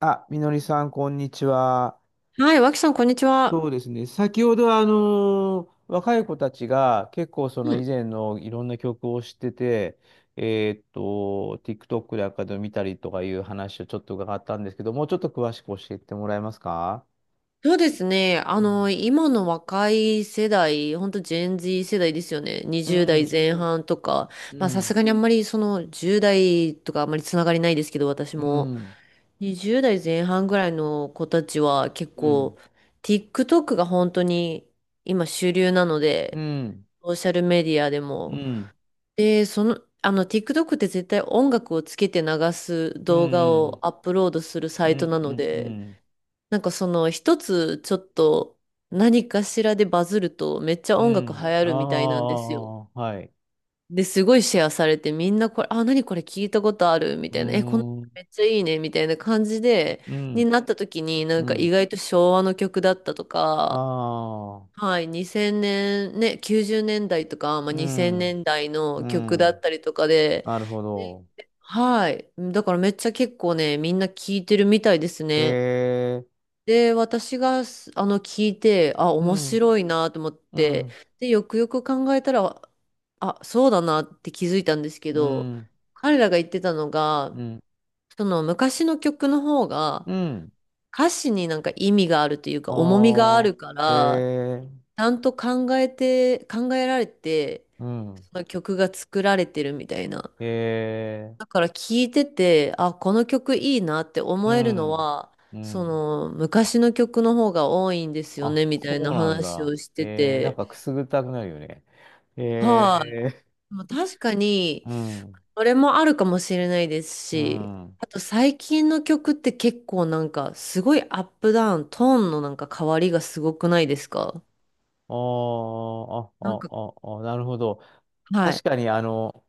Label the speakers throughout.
Speaker 1: あ、みのりさん、こんにちは。
Speaker 2: はい、脇さん、こんにち
Speaker 1: そう
Speaker 2: は。
Speaker 1: ですね。先ほど、若い子たちが結構その
Speaker 2: う
Speaker 1: 以
Speaker 2: ん。
Speaker 1: 前のいろんな曲を知ってて、TikTok でかで見たりとかいう話をちょっと伺ったんですけど、もうちょっと詳しく教えてもらえますか？
Speaker 2: そうですね。
Speaker 1: うん、
Speaker 2: 今の若い世代、ほんとジェン Z 世代ですよね。
Speaker 1: う
Speaker 2: 20
Speaker 1: ん、
Speaker 2: 代前半とか。
Speaker 1: う
Speaker 2: まあ、さす
Speaker 1: ん、
Speaker 2: がにあんまりその10代とかあんまりつながりないですけど、私
Speaker 1: う
Speaker 2: も。
Speaker 1: ん、
Speaker 2: 20代前半ぐらいの子たちは結
Speaker 1: うん、
Speaker 2: 構、TikTok が本当に今主流なの
Speaker 1: う
Speaker 2: で、
Speaker 1: ん、
Speaker 2: ソーシャルメディアで
Speaker 1: うん、う
Speaker 2: も。
Speaker 1: ん、
Speaker 2: で、TikTok って絶対音楽をつけて流す
Speaker 1: う
Speaker 2: 動画を
Speaker 1: ん、
Speaker 2: アップロードする
Speaker 1: う
Speaker 2: サイトなので、
Speaker 1: ん、
Speaker 2: なんかその一つちょっと何かしらでバズるとめっちゃ
Speaker 1: う
Speaker 2: 音楽流
Speaker 1: ん、
Speaker 2: 行
Speaker 1: あ
Speaker 2: るみたいなんですよ。
Speaker 1: あ、はい。
Speaker 2: で、すごいシェアされてみんなこれ、あ、何これ聞いたことあるみ
Speaker 1: う
Speaker 2: たいな、え、この曲
Speaker 1: ーん、
Speaker 2: めっちゃいいねみたいな感じで、
Speaker 1: う
Speaker 2: に
Speaker 1: ん、
Speaker 2: なった時になん
Speaker 1: う
Speaker 2: か意
Speaker 1: ん、
Speaker 2: 外と昭和の曲だったとか、
Speaker 1: ああ、
Speaker 2: はい、2000年、ね、90年代とか、まあ、
Speaker 1: う
Speaker 2: 2000
Speaker 1: ん、
Speaker 2: 年代の
Speaker 1: う
Speaker 2: 曲だっ
Speaker 1: ん、
Speaker 2: たりとかで、
Speaker 1: なるほ
Speaker 2: で
Speaker 1: ど。
Speaker 2: はい、だからめっちゃ結構ね、みんな聞いてるみたいです
Speaker 1: へ
Speaker 2: ね。
Speaker 1: え、
Speaker 2: で、私がす、あの、聞いて、あ、
Speaker 1: う
Speaker 2: 面
Speaker 1: ん、
Speaker 2: 白いなと思っ
Speaker 1: う
Speaker 2: て、
Speaker 1: ん、
Speaker 2: で、よくよく考えたら、あ、そうだなって気づいたんですけ
Speaker 1: う
Speaker 2: ど、
Speaker 1: ん、
Speaker 2: 彼らが言ってたのが、
Speaker 1: うん、
Speaker 2: その昔の曲の方が、
Speaker 1: うん、
Speaker 2: 歌詞になんか意味があるという
Speaker 1: あ
Speaker 2: か、重みがあ
Speaker 1: ー、
Speaker 2: るか
Speaker 1: へ
Speaker 2: ら、
Speaker 1: え、
Speaker 2: ちゃんと考えられて、
Speaker 1: うん、
Speaker 2: その曲が作られてるみたいな。
Speaker 1: へえ、
Speaker 2: だから聞いてて、あ、この曲いいなって
Speaker 1: う
Speaker 2: 思えるの
Speaker 1: ん、
Speaker 2: は、
Speaker 1: う
Speaker 2: そ
Speaker 1: ん。
Speaker 2: の昔の曲の方が多いんですよ
Speaker 1: あ、
Speaker 2: ね、みたい
Speaker 1: そ
Speaker 2: な
Speaker 1: うなん
Speaker 2: 話
Speaker 1: だ。
Speaker 2: をして
Speaker 1: へえ、なん
Speaker 2: て。
Speaker 1: かくすぐったくなるよね。へ
Speaker 2: はい。
Speaker 1: え、
Speaker 2: でも確かに、
Speaker 1: うん、
Speaker 2: それもあるかもしれないです
Speaker 1: う
Speaker 2: し、
Speaker 1: ん。あ
Speaker 2: あと最近の曲って結構なんか、すごいアップダウン、トーンのなんか変わりがすごくないですか？
Speaker 1: ーあ、
Speaker 2: なんか、
Speaker 1: あ、あ、あ、なるほど。
Speaker 2: はい。
Speaker 1: 確かに、あの、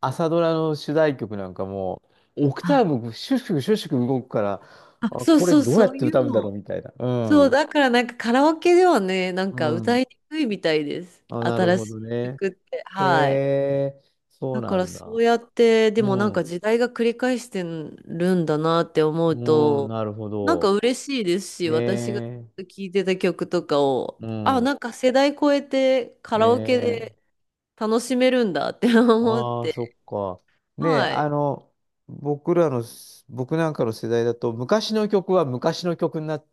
Speaker 1: 朝ドラの主題曲なんかもう、オクター
Speaker 2: あ、
Speaker 1: ブシュッシュシュッシュ動くから、
Speaker 2: あ、
Speaker 1: あ、
Speaker 2: そう
Speaker 1: これ
Speaker 2: そう、
Speaker 1: どうや
Speaker 2: そ
Speaker 1: っ
Speaker 2: う
Speaker 1: て
Speaker 2: い
Speaker 1: 歌
Speaker 2: う
Speaker 1: うんだろう
Speaker 2: の
Speaker 1: みたいな。う
Speaker 2: そう、
Speaker 1: ん。
Speaker 2: だからなんかカラオケではね、なん
Speaker 1: う
Speaker 2: か歌
Speaker 1: ん。
Speaker 2: いにくいみたいです。
Speaker 1: あ、なる
Speaker 2: 新
Speaker 1: ほ
Speaker 2: し
Speaker 1: ど
Speaker 2: い
Speaker 1: ね。
Speaker 2: 曲って。
Speaker 1: へ
Speaker 2: はい。
Speaker 1: え、そう
Speaker 2: だか
Speaker 1: な
Speaker 2: ら
Speaker 1: ん
Speaker 2: そ
Speaker 1: だ。
Speaker 2: うやって、で
Speaker 1: う
Speaker 2: もなん
Speaker 1: ん。
Speaker 2: か時代が繰り返してるんだなって思う
Speaker 1: うん、
Speaker 2: と、
Speaker 1: なるほ
Speaker 2: なん
Speaker 1: ど。
Speaker 2: か嬉しいですし、
Speaker 1: ね
Speaker 2: 私がず
Speaker 1: え。
Speaker 2: っと聴いてた曲とかを、
Speaker 1: う
Speaker 2: あ、
Speaker 1: ん。
Speaker 2: なんか世代超えてカ
Speaker 1: ね
Speaker 2: ラオケで
Speaker 1: え。
Speaker 2: 楽しめるんだって 思っ
Speaker 1: ああ、
Speaker 2: て。
Speaker 1: そっか。ねえ、
Speaker 2: はい。
Speaker 1: あの、僕らの、僕なんかの世代だと、昔の曲は昔の曲になっ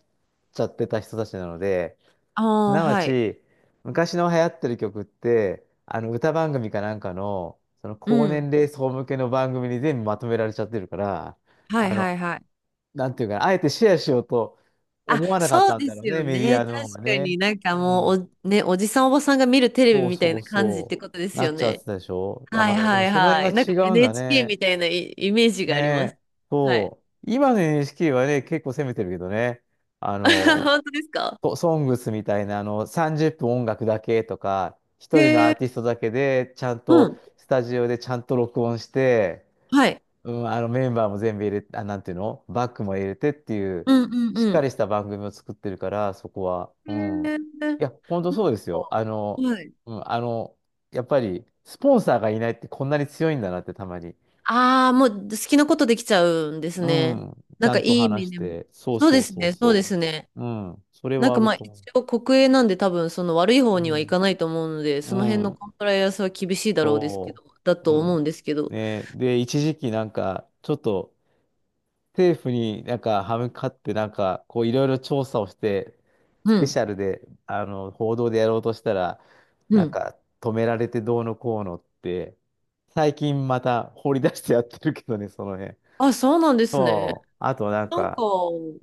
Speaker 1: ちゃってた人たちなので、
Speaker 2: あ
Speaker 1: す
Speaker 2: あ、
Speaker 1: なわ
Speaker 2: はい。
Speaker 1: ち、昔の流行ってる曲って、あの歌番組かなんかの、その
Speaker 2: う
Speaker 1: 高
Speaker 2: ん。
Speaker 1: 年齢層向けの番組に全部まとめられちゃってるから、
Speaker 2: はい
Speaker 1: あ
Speaker 2: は
Speaker 1: の、
Speaker 2: いはい。
Speaker 1: なんていうかな、あえてシェアしようと
Speaker 2: あ、
Speaker 1: 思わなかっ
Speaker 2: そう
Speaker 1: たん
Speaker 2: で
Speaker 1: だろ
Speaker 2: す
Speaker 1: う
Speaker 2: よ
Speaker 1: ね、メディ
Speaker 2: ね。
Speaker 1: アの
Speaker 2: 確
Speaker 1: 方が
Speaker 2: か
Speaker 1: ね。
Speaker 2: になんか
Speaker 1: う
Speaker 2: も
Speaker 1: ん。
Speaker 2: うね、おじさんおばさんが見るテレ
Speaker 1: そ
Speaker 2: ビ
Speaker 1: う
Speaker 2: みたい
Speaker 1: そう
Speaker 2: な感じっ
Speaker 1: そ
Speaker 2: てことで
Speaker 1: う。
Speaker 2: す
Speaker 1: な
Speaker 2: よ
Speaker 1: っちゃっ
Speaker 2: ね。
Speaker 1: てたでしょだ
Speaker 2: は
Speaker 1: か
Speaker 2: い
Speaker 1: ら、で
Speaker 2: は
Speaker 1: も
Speaker 2: い
Speaker 1: その辺
Speaker 2: はい。なんか
Speaker 1: が違うんだ
Speaker 2: NHK
Speaker 1: ね。
Speaker 2: みたいなイイメージ
Speaker 1: ね
Speaker 2: があります。
Speaker 1: え。
Speaker 2: はい。
Speaker 1: そう。今の NHK はね、結構攻めてるけどね。あ の、
Speaker 2: 本当ですか？
Speaker 1: とソングスみたいな、あの、30分音楽だけとか、
Speaker 2: へ
Speaker 1: 一人のア
Speaker 2: え。
Speaker 1: ーティストだけで、ちゃん
Speaker 2: う
Speaker 1: と、
Speaker 2: ん。
Speaker 1: スタジオでちゃんと録音して、
Speaker 2: はい。
Speaker 1: うん、あの、メンバーも全部入れて、あ、なんていうのバックも入れてっていう、
Speaker 2: うんうん
Speaker 1: しっ
Speaker 2: う
Speaker 1: か
Speaker 2: ん。
Speaker 1: りした番組を作ってるから、そこは。
Speaker 2: へ
Speaker 1: う
Speaker 2: え。
Speaker 1: ん。
Speaker 2: なんか、
Speaker 1: いや、ほんとそうですよ。あの、
Speaker 2: はい。
Speaker 1: うん、あの、やっぱり、スポンサーがいないってこんなに強いんだなってたまに。
Speaker 2: ああ、もう好きなことできちゃうんです
Speaker 1: う
Speaker 2: ね。
Speaker 1: ん。ち
Speaker 2: なん
Speaker 1: ゃ
Speaker 2: か
Speaker 1: ん
Speaker 2: い
Speaker 1: と
Speaker 2: い意
Speaker 1: 話
Speaker 2: 味
Speaker 1: し
Speaker 2: でも。
Speaker 1: て、そう
Speaker 2: そう
Speaker 1: そ
Speaker 2: で
Speaker 1: う
Speaker 2: す
Speaker 1: そう
Speaker 2: ね、そうで
Speaker 1: そ
Speaker 2: すね。
Speaker 1: う。うん。それ
Speaker 2: なん
Speaker 1: はあ
Speaker 2: か
Speaker 1: る
Speaker 2: まあ
Speaker 1: と
Speaker 2: 一
Speaker 1: 思う。
Speaker 2: 応国営なんで多分その悪い方にはい
Speaker 1: う
Speaker 2: かないと思うので、その
Speaker 1: ん。
Speaker 2: 辺
Speaker 1: う
Speaker 2: の
Speaker 1: ん。
Speaker 2: コンプライアンスは厳しいだろうですけ
Speaker 1: そ
Speaker 2: ど、だ
Speaker 1: う。う
Speaker 2: と思
Speaker 1: ん。
Speaker 2: うんですけど。
Speaker 1: ね、で、一時期なんか、ちょっと政府になんか歯向かってなんか、こういろいろ調査をして、ス
Speaker 2: う
Speaker 1: ペシ
Speaker 2: ん。
Speaker 1: ャルで、あの、報道でやろうとしたら、
Speaker 2: う
Speaker 1: なん
Speaker 2: ん。
Speaker 1: か止められてどうのこうのって、最近また掘り出してやってるけどね、その辺。
Speaker 2: あ、そうなんですね。
Speaker 1: あとなん
Speaker 2: なんか、
Speaker 1: か、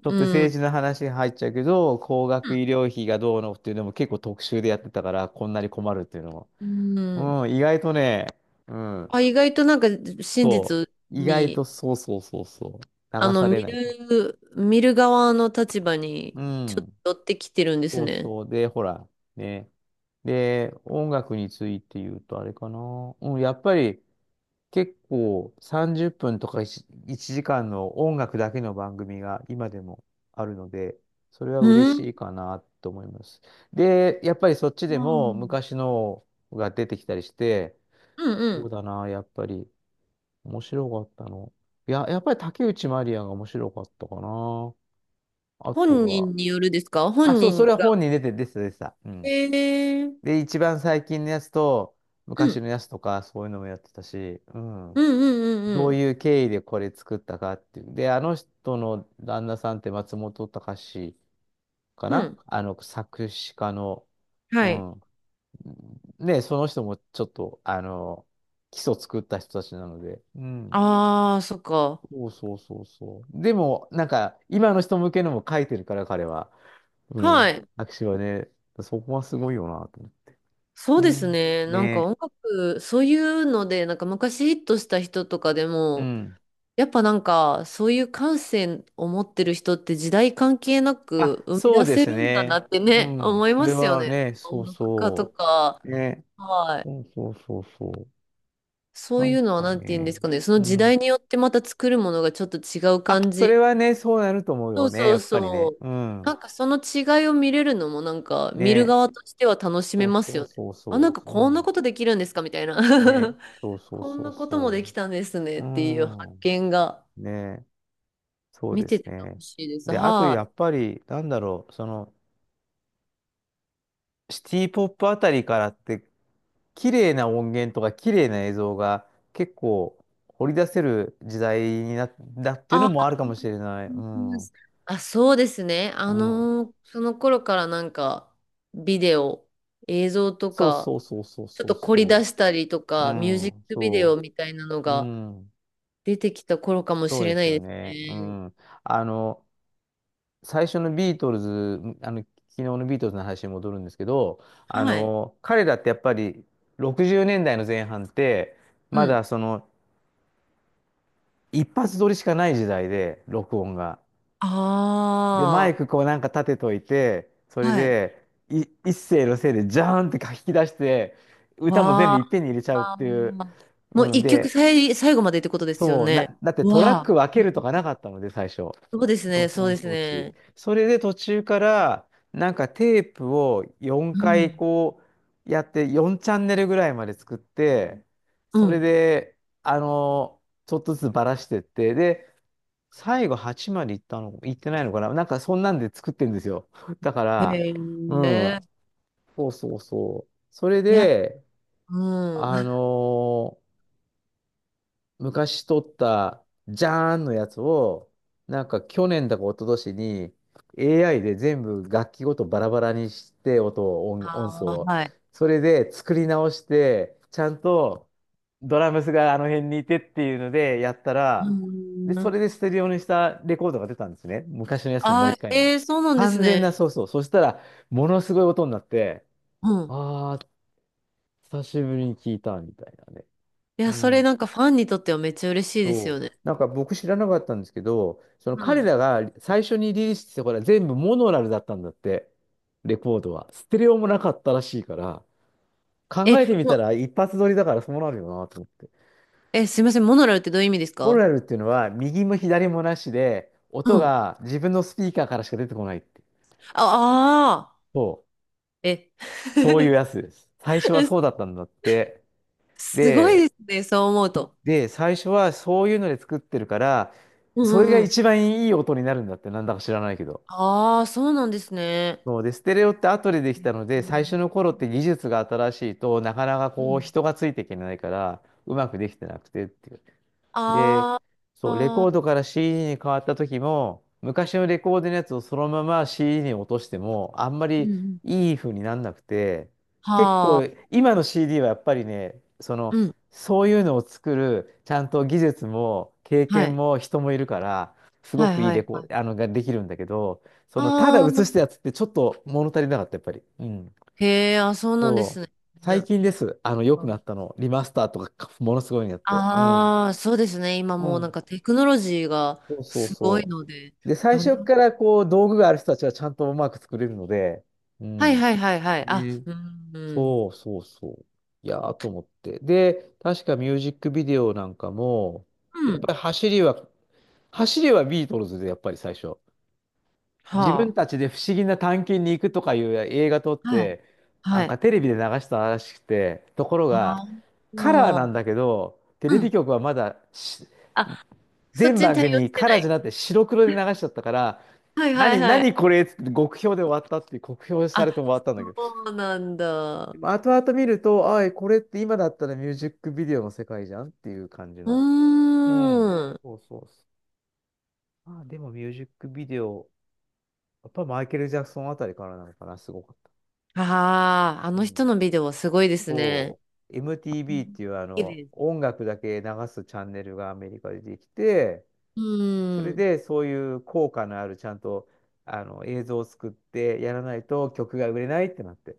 Speaker 1: ちょっ
Speaker 2: う
Speaker 1: と政
Speaker 2: ん。
Speaker 1: 治の話入っちゃうけど、高額医療費がどうのっていうのも結構特集でやってたから、こんなに困るっていうの
Speaker 2: うん。
Speaker 1: も。うん、意外とね、うん。
Speaker 2: あ、意外となんか真
Speaker 1: そ
Speaker 2: 実
Speaker 1: う。意外と
Speaker 2: に、
Speaker 1: そうそうそうそう。流され
Speaker 2: 見
Speaker 1: ないと。
Speaker 2: る、見る側の立場に
Speaker 1: う
Speaker 2: ちょっ
Speaker 1: ん。
Speaker 2: と寄ってきてるんです
Speaker 1: そう
Speaker 2: ね。
Speaker 1: そう。で、ほら、ね。で、音楽について言うとあれかな。うん、やっぱり結構30分とか1時間の音楽だけの番組が今でもあるので、それは嬉
Speaker 2: う
Speaker 1: し
Speaker 2: ん。
Speaker 1: いかなと思います。で、やっぱりそっち
Speaker 2: う
Speaker 1: でも
Speaker 2: ん
Speaker 1: 昔のが出てきたりして、
Speaker 2: う
Speaker 1: そう
Speaker 2: ん。
Speaker 1: だな、やっぱり。面白かったの。いや、やっぱり竹内まりやが面白かったかな。あと
Speaker 2: 本
Speaker 1: は、
Speaker 2: 人によるですか？
Speaker 1: あ、
Speaker 2: 本
Speaker 1: そう、そ
Speaker 2: 人が。
Speaker 1: れは本に出て、出てた、出てた。うん。
Speaker 2: へえ。う
Speaker 1: で、一番最近のやつと、昔
Speaker 2: ん。
Speaker 1: のやつとか、そういうのもやってたし、う
Speaker 2: う
Speaker 1: ん。
Speaker 2: んうんう
Speaker 1: どう
Speaker 2: ん
Speaker 1: いう経緯でこれ作ったかっていう。で、あの人の旦那さんって松本隆か
Speaker 2: うん。う
Speaker 1: な、
Speaker 2: ん。
Speaker 1: あの、作詞家の、う
Speaker 2: はい。
Speaker 1: ん。ね、その人もちょっと、あの、基礎作った人たちなので、うん。
Speaker 2: ああ、そっか。
Speaker 1: そうそうそうそう。でも、なんか、今の人向けのも書いてるから、彼は。う
Speaker 2: は
Speaker 1: ん。
Speaker 2: い。
Speaker 1: 握手はね、そこはすごいよなと思って。
Speaker 2: そう
Speaker 1: う
Speaker 2: です
Speaker 1: ん。
Speaker 2: ね。なんか
Speaker 1: ね。
Speaker 2: 音楽、そういうので、なんか昔ヒットした人とかで
Speaker 1: う
Speaker 2: も、
Speaker 1: ん。
Speaker 2: やっぱなんか、そういう感性を持ってる人って時代関係な
Speaker 1: あ、
Speaker 2: く生み
Speaker 1: そう
Speaker 2: 出
Speaker 1: で
Speaker 2: せ
Speaker 1: す
Speaker 2: るんだな
Speaker 1: ね。
Speaker 2: って
Speaker 1: う
Speaker 2: ね、
Speaker 1: ん。
Speaker 2: 思い
Speaker 1: そ
Speaker 2: ま
Speaker 1: れ
Speaker 2: すよ
Speaker 1: は
Speaker 2: ね。
Speaker 1: ね、そ
Speaker 2: 音
Speaker 1: う
Speaker 2: 楽家と
Speaker 1: そ
Speaker 2: か、
Speaker 1: う。ね。
Speaker 2: はい。
Speaker 1: そうそうそうそう。
Speaker 2: そ
Speaker 1: な
Speaker 2: うい
Speaker 1: ん
Speaker 2: う
Speaker 1: か
Speaker 2: のはなんて言うんで
Speaker 1: ね。
Speaker 2: すかね。その
Speaker 1: う
Speaker 2: 時
Speaker 1: ん。
Speaker 2: 代によってまた作るものがちょっと違う
Speaker 1: あ、
Speaker 2: 感
Speaker 1: それ
Speaker 2: じ、
Speaker 1: はね、そうなると思う
Speaker 2: そ
Speaker 1: よ
Speaker 2: う
Speaker 1: ね、
Speaker 2: そ
Speaker 1: や
Speaker 2: う
Speaker 1: っぱり
Speaker 2: そ
Speaker 1: ね。
Speaker 2: う。
Speaker 1: うん。
Speaker 2: なんかその違いを見れるのもなんか見る
Speaker 1: ね。
Speaker 2: 側としては楽しめ
Speaker 1: そう
Speaker 2: ます
Speaker 1: そう
Speaker 2: よね。
Speaker 1: そう
Speaker 2: あ、なん
Speaker 1: そ
Speaker 2: か
Speaker 1: う。う
Speaker 2: こんな
Speaker 1: ん。
Speaker 2: ことできるんですか？みたいな。
Speaker 1: ね。そうそう
Speaker 2: こ
Speaker 1: そ
Speaker 2: ん
Speaker 1: う
Speaker 2: なこともで
Speaker 1: そ
Speaker 2: きたんですね
Speaker 1: う。
Speaker 2: っ
Speaker 1: う
Speaker 2: ていう発
Speaker 1: ん。
Speaker 2: 見が
Speaker 1: ね。そう
Speaker 2: 見
Speaker 1: で
Speaker 2: て
Speaker 1: す
Speaker 2: て楽
Speaker 1: ね。
Speaker 2: しいです。
Speaker 1: で、あと
Speaker 2: はい。
Speaker 1: やっぱり、なんだろう、その、シティポップあたりからって、綺麗な音源とか綺麗な映像が結構掘り出せる時代になったっていう
Speaker 2: あ、
Speaker 1: のもあるかもしれない。
Speaker 2: う
Speaker 1: う
Speaker 2: ん、
Speaker 1: ん。う
Speaker 2: あ、そうですね。
Speaker 1: ん。
Speaker 2: その頃からなんか、ビデオ、映像と
Speaker 1: そう
Speaker 2: か、
Speaker 1: そうそうそう
Speaker 2: ちょっ
Speaker 1: そう
Speaker 2: と凝り出
Speaker 1: そ
Speaker 2: したりと
Speaker 1: う。う
Speaker 2: か、ミュージッ
Speaker 1: ん。
Speaker 2: クビデオ
Speaker 1: そ
Speaker 2: みたいなの
Speaker 1: う。う
Speaker 2: が
Speaker 1: ん。
Speaker 2: 出てきた頃かも
Speaker 1: そ
Speaker 2: し
Speaker 1: うで
Speaker 2: れな
Speaker 1: すよ
Speaker 2: いです
Speaker 1: ね。う
Speaker 2: ね。
Speaker 1: ん。あの、最初のビートルズ、あの、昨日のビートルズの話に戻るんですけど、あ
Speaker 2: はい。
Speaker 1: の、彼らってやっぱり60年代の前半って、
Speaker 2: う
Speaker 1: ま
Speaker 2: ん。
Speaker 1: だその一発撮りしかない時代で、録音が。で、マイ
Speaker 2: あ
Speaker 1: クこうなんか立てといて、そ
Speaker 2: あ、
Speaker 1: れ
Speaker 2: はい。
Speaker 1: で、一声のせいでジャーンって書き出して、歌も全部
Speaker 2: わ
Speaker 1: いっぺんに入れちゃうっ
Speaker 2: あ。
Speaker 1: ていう。
Speaker 2: もう
Speaker 1: うん、
Speaker 2: 一曲
Speaker 1: で、
Speaker 2: 最後までってことですよ
Speaker 1: そう、
Speaker 2: ね。
Speaker 1: だってトラッ
Speaker 2: わあ。
Speaker 1: ク分け
Speaker 2: う
Speaker 1: ると
Speaker 2: ん、
Speaker 1: かなかったので、最初。
Speaker 2: そうですね、
Speaker 1: 録
Speaker 2: そう
Speaker 1: 音
Speaker 2: です
Speaker 1: 装置。
Speaker 2: ね。
Speaker 1: それで途中から、なんかテープを4
Speaker 2: う
Speaker 1: 回
Speaker 2: ん。
Speaker 1: こうやって、4チャンネルぐらいまで作って、
Speaker 2: う
Speaker 1: それ
Speaker 2: ん。
Speaker 1: で、あの、ちょっとずつばらしてって、で、最後8まで行ったの、行ってないのかななんかそんなんで作ってるんですよ。だか
Speaker 2: へ
Speaker 1: ら、うん、
Speaker 2: え。
Speaker 1: そうそうそう。それ
Speaker 2: いや、
Speaker 1: で、
Speaker 2: うん。
Speaker 1: あ
Speaker 2: あ
Speaker 1: の昔撮った、じゃーんのやつを、なんか去年だか一昨年に AI で全部楽器ごとバラバラにして、音を、音素
Speaker 2: あ、
Speaker 1: を。
Speaker 2: はい。
Speaker 1: それで作り直して、ちゃんとドラムスがあの辺にいてっていうのでやった
Speaker 2: う
Speaker 1: ら、で、そ
Speaker 2: ん。
Speaker 1: れでステレオにしたレコードが出たんですね。昔のやつのもう
Speaker 2: あ
Speaker 1: 一回
Speaker 2: ー、
Speaker 1: の。
Speaker 2: えー、そうなんです
Speaker 1: 完全な、
Speaker 2: ね。
Speaker 1: そうそう。そしたら、ものすごい音になって、
Speaker 2: うん。
Speaker 1: あー、久しぶりに聞いたみたいなね。
Speaker 2: い
Speaker 1: う
Speaker 2: や、それ
Speaker 1: ん。
Speaker 2: なんかファンにとってはめっちゃ嬉しいですよね。
Speaker 1: なんか僕知らなかったんですけど、その
Speaker 2: う
Speaker 1: 彼
Speaker 2: ん。
Speaker 1: らが最初にリリースしてたこれは全部モノラルだったんだって、レコードは。ステレオもなかったらしいから、考
Speaker 2: え、
Speaker 1: えてみた
Speaker 2: も
Speaker 1: ら一発撮りだからそうなるよなと思って。
Speaker 2: え、すいません、モノラルってどういう意味です
Speaker 1: モノ
Speaker 2: か？
Speaker 1: ラルっていうのは右も左もなしで、
Speaker 2: う
Speaker 1: 音
Speaker 2: ん。
Speaker 1: が自分のスピーカーからしか出てこないって。
Speaker 2: ああ
Speaker 1: そ
Speaker 2: ー、え、
Speaker 1: う、そういう やつです。最初はそうだったんだって。
Speaker 2: すごい
Speaker 1: で、
Speaker 2: ですね、そう思うと。
Speaker 1: で、最初はそういうので作ってるから、
Speaker 2: うん
Speaker 1: それが
Speaker 2: うんうん。
Speaker 1: 一番いい音になるんだって、なんだか知らないけど。
Speaker 2: ああ、そうなんですね。
Speaker 1: そうで、ステレオって後でできたの
Speaker 2: う
Speaker 1: で、最初
Speaker 2: ん
Speaker 1: の頃って技術が新しいとなかなか
Speaker 2: う
Speaker 1: こう
Speaker 2: ん、
Speaker 1: 人がついていけないから、うまくできてなくてっていう。で、
Speaker 2: あー、
Speaker 1: そう、レ
Speaker 2: あ
Speaker 1: コード
Speaker 2: ー、
Speaker 1: から CD に変わった時も、昔のレコードのやつをそのまま CD に落としても、あんま
Speaker 2: うんう
Speaker 1: り
Speaker 2: ん、
Speaker 1: いい風になんなくて、結構、
Speaker 2: はあ、
Speaker 1: 今の CD はやっぱりね、そ
Speaker 2: う
Speaker 1: の、
Speaker 2: ん。
Speaker 1: そういうのを作る、ちゃんと技術も経
Speaker 2: は
Speaker 1: 験
Speaker 2: い。
Speaker 1: も人もいるから、すご
Speaker 2: はい
Speaker 1: くいい
Speaker 2: は
Speaker 1: レ
Speaker 2: い
Speaker 1: コ
Speaker 2: は
Speaker 1: ー
Speaker 2: い。
Speaker 1: ド、あの、ができるんだけど、その、ただ
Speaker 2: ああ、
Speaker 1: 映したやつってちょっと物足りなかった、やっぱり。うん。
Speaker 2: へえ、あ、そうなんで
Speaker 1: そ
Speaker 2: す
Speaker 1: う。
Speaker 2: ね。
Speaker 1: 最近です。あの、良くなったの。リマスターとか、ものすごいのやって。うん。
Speaker 2: ああ、そうですね。今
Speaker 1: う
Speaker 2: もうなん
Speaker 1: ん。
Speaker 2: かテクノロジーが
Speaker 1: そうそう
Speaker 2: すごい
Speaker 1: そ
Speaker 2: ので。
Speaker 1: う。で、最
Speaker 2: なんで、
Speaker 1: 初からこう、道具がある人たちはちゃんとうまく作れるので。う
Speaker 2: はい
Speaker 1: ん。
Speaker 2: はいはいはい。あ、
Speaker 1: ね。
Speaker 2: うん、うん。
Speaker 1: そうそうそう。いやーと思って。で、確かミュージックビデオなんかも、
Speaker 2: う
Speaker 1: やっ
Speaker 2: ん。
Speaker 1: ぱり走りはビートルズで、やっぱり最初。自分
Speaker 2: は
Speaker 1: たちで不思議な探検に行くとかいう映画撮っ
Speaker 2: あ。はい。
Speaker 1: て、な
Speaker 2: は
Speaker 1: ん
Speaker 2: い。
Speaker 1: かテレビで流したらしくて、ところが、
Speaker 2: は
Speaker 1: カラー
Speaker 2: あ。
Speaker 1: なんだけど、テ
Speaker 2: う
Speaker 1: レビ
Speaker 2: ん。
Speaker 1: 局はまだし、
Speaker 2: あ、そっ
Speaker 1: 全
Speaker 2: ちに
Speaker 1: 番
Speaker 2: 対応
Speaker 1: 組
Speaker 2: して
Speaker 1: カ
Speaker 2: な
Speaker 1: ラーじゃ
Speaker 2: い。
Speaker 1: なくて白黒で流しちゃったから、
Speaker 2: はいはい
Speaker 1: 何、
Speaker 2: はい。
Speaker 1: 何これっつって極評で終わったっていう、酷評され
Speaker 2: あ、
Speaker 1: て終わったんだけど。
Speaker 2: そうなんだ。
Speaker 1: まあ後々見ると、これって今だったらミュージックビデオの世界じゃんっていう感じ
Speaker 2: う
Speaker 1: の。うん。
Speaker 2: ーん。
Speaker 1: そうそうそう。あ、でもミュージックビデオ、やっぱマイケル・ジャクソンあたりからなのかな、すごかった。
Speaker 2: ああ、あ
Speaker 1: う
Speaker 2: の
Speaker 1: ん。
Speaker 2: 人のビデオはすごいですね。
Speaker 1: そう。
Speaker 2: う
Speaker 1: MTV っ
Speaker 2: ん、
Speaker 1: ていう
Speaker 2: 綺麗です。
Speaker 1: 音楽だけ流すチャンネルがアメリカでできて、
Speaker 2: う
Speaker 1: そ
Speaker 2: ー
Speaker 1: れ
Speaker 2: ん。
Speaker 1: でそういう効果のあるちゃんと映像を作ってやらないと曲が売れないってなって。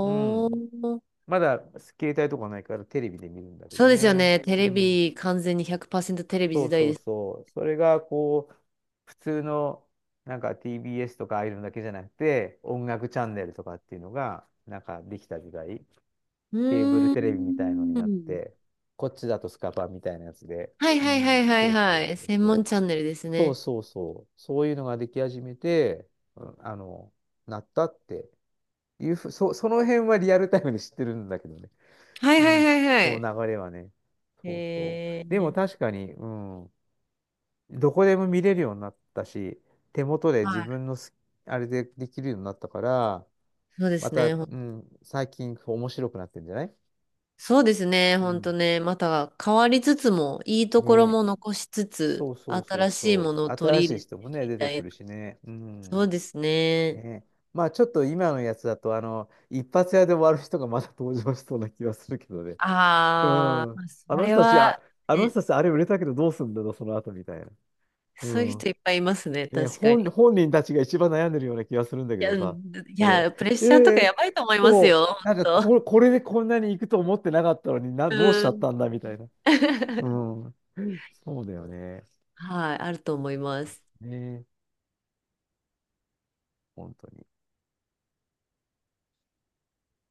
Speaker 1: うん。
Speaker 2: ー。
Speaker 1: まだ携帯とかないからテレビで見るんだけ
Speaker 2: そ
Speaker 1: ど
Speaker 2: うですよ
Speaker 1: ね。
Speaker 2: ね。テ
Speaker 1: う
Speaker 2: レ
Speaker 1: ん。
Speaker 2: ビ、完全に100%テレビ
Speaker 1: そ
Speaker 2: 時
Speaker 1: う
Speaker 2: 代
Speaker 1: そ
Speaker 2: で
Speaker 1: う
Speaker 2: す。
Speaker 1: そう。それがこう、普通のなんか TBS とかああいうのだけじゃなくて、音楽チャンネルとかっていうのが、なんかできた時代、
Speaker 2: う
Speaker 1: ケーブル
Speaker 2: ー
Speaker 1: テレビみたいのになっ
Speaker 2: ん。
Speaker 1: て、こっちだとスカパーみたいなやつで、
Speaker 2: はい
Speaker 1: う
Speaker 2: はいは
Speaker 1: ん、
Speaker 2: いは
Speaker 1: そ
Speaker 2: い
Speaker 1: うそ
Speaker 2: は
Speaker 1: う
Speaker 2: い。
Speaker 1: そう
Speaker 2: 専門
Speaker 1: そう。
Speaker 2: チャンネルです
Speaker 1: そう
Speaker 2: ね。
Speaker 1: そうそう。そういうのができ始めて、うん。なったっていうその辺はリアルタイムで知ってるんだけどね。
Speaker 2: はい
Speaker 1: う
Speaker 2: はいは
Speaker 1: ん、
Speaker 2: いは
Speaker 1: そ
Speaker 2: い。
Speaker 1: う、流れはね。そうそう。
Speaker 2: へ
Speaker 1: でも
Speaker 2: え。
Speaker 1: 確かに、うん、どこでも見れるようになったし、手元で自
Speaker 2: はい。
Speaker 1: 分のす、あれでできるようになったから、
Speaker 2: そうで
Speaker 1: ま
Speaker 2: す
Speaker 1: た、う
Speaker 2: ね。
Speaker 1: ん、最近こう面白くなってるんじゃない。
Speaker 2: そうですね、
Speaker 1: う
Speaker 2: ほんと
Speaker 1: ん。
Speaker 2: ね、また変わりつつも、いいと
Speaker 1: ね
Speaker 2: ころ
Speaker 1: え。
Speaker 2: も残しつ
Speaker 1: そ
Speaker 2: つ、
Speaker 1: うそうそう
Speaker 2: 新しいも
Speaker 1: そ
Speaker 2: の
Speaker 1: う。
Speaker 2: を取
Speaker 1: 新
Speaker 2: り
Speaker 1: し
Speaker 2: 入
Speaker 1: い
Speaker 2: れて
Speaker 1: 人もね、
Speaker 2: み
Speaker 1: 出て
Speaker 2: た
Speaker 1: く
Speaker 2: いな。
Speaker 1: るしね。う
Speaker 2: そう
Speaker 1: ん。
Speaker 2: ですね。
Speaker 1: ねえ。まあちょっと今のやつだと、一発屋で終わる人がまた登場しそうな気はするけどね。う
Speaker 2: ああ、
Speaker 1: ん。
Speaker 2: まあ
Speaker 1: あ
Speaker 2: そ
Speaker 1: の
Speaker 2: れ
Speaker 1: 人たち、
Speaker 2: は、
Speaker 1: あ、あの
Speaker 2: ね、
Speaker 1: 人たちあれ売れたけどどうすんだろう、その後みたいな。う
Speaker 2: そういう
Speaker 1: ん。
Speaker 2: 人いっぱいいますね、
Speaker 1: ね、
Speaker 2: 確かに。
Speaker 1: 本人たちが一番悩んでるような気がするんだけ
Speaker 2: いや、
Speaker 1: ど
Speaker 2: う
Speaker 1: さ、
Speaker 2: ん、い
Speaker 1: これ。
Speaker 2: や、プレッ
Speaker 1: え
Speaker 2: シャーとかや
Speaker 1: ー
Speaker 2: ばいと思います
Speaker 1: そ
Speaker 2: よ、
Speaker 1: う、なんか
Speaker 2: ほんと。
Speaker 1: これでこんなに行くと思ってなかったのにな、どうしちゃ
Speaker 2: う
Speaker 1: っ
Speaker 2: ん。
Speaker 1: たんだみたいな。う ん。そうだよね。
Speaker 2: はい、あると思います。
Speaker 1: ね、本当に。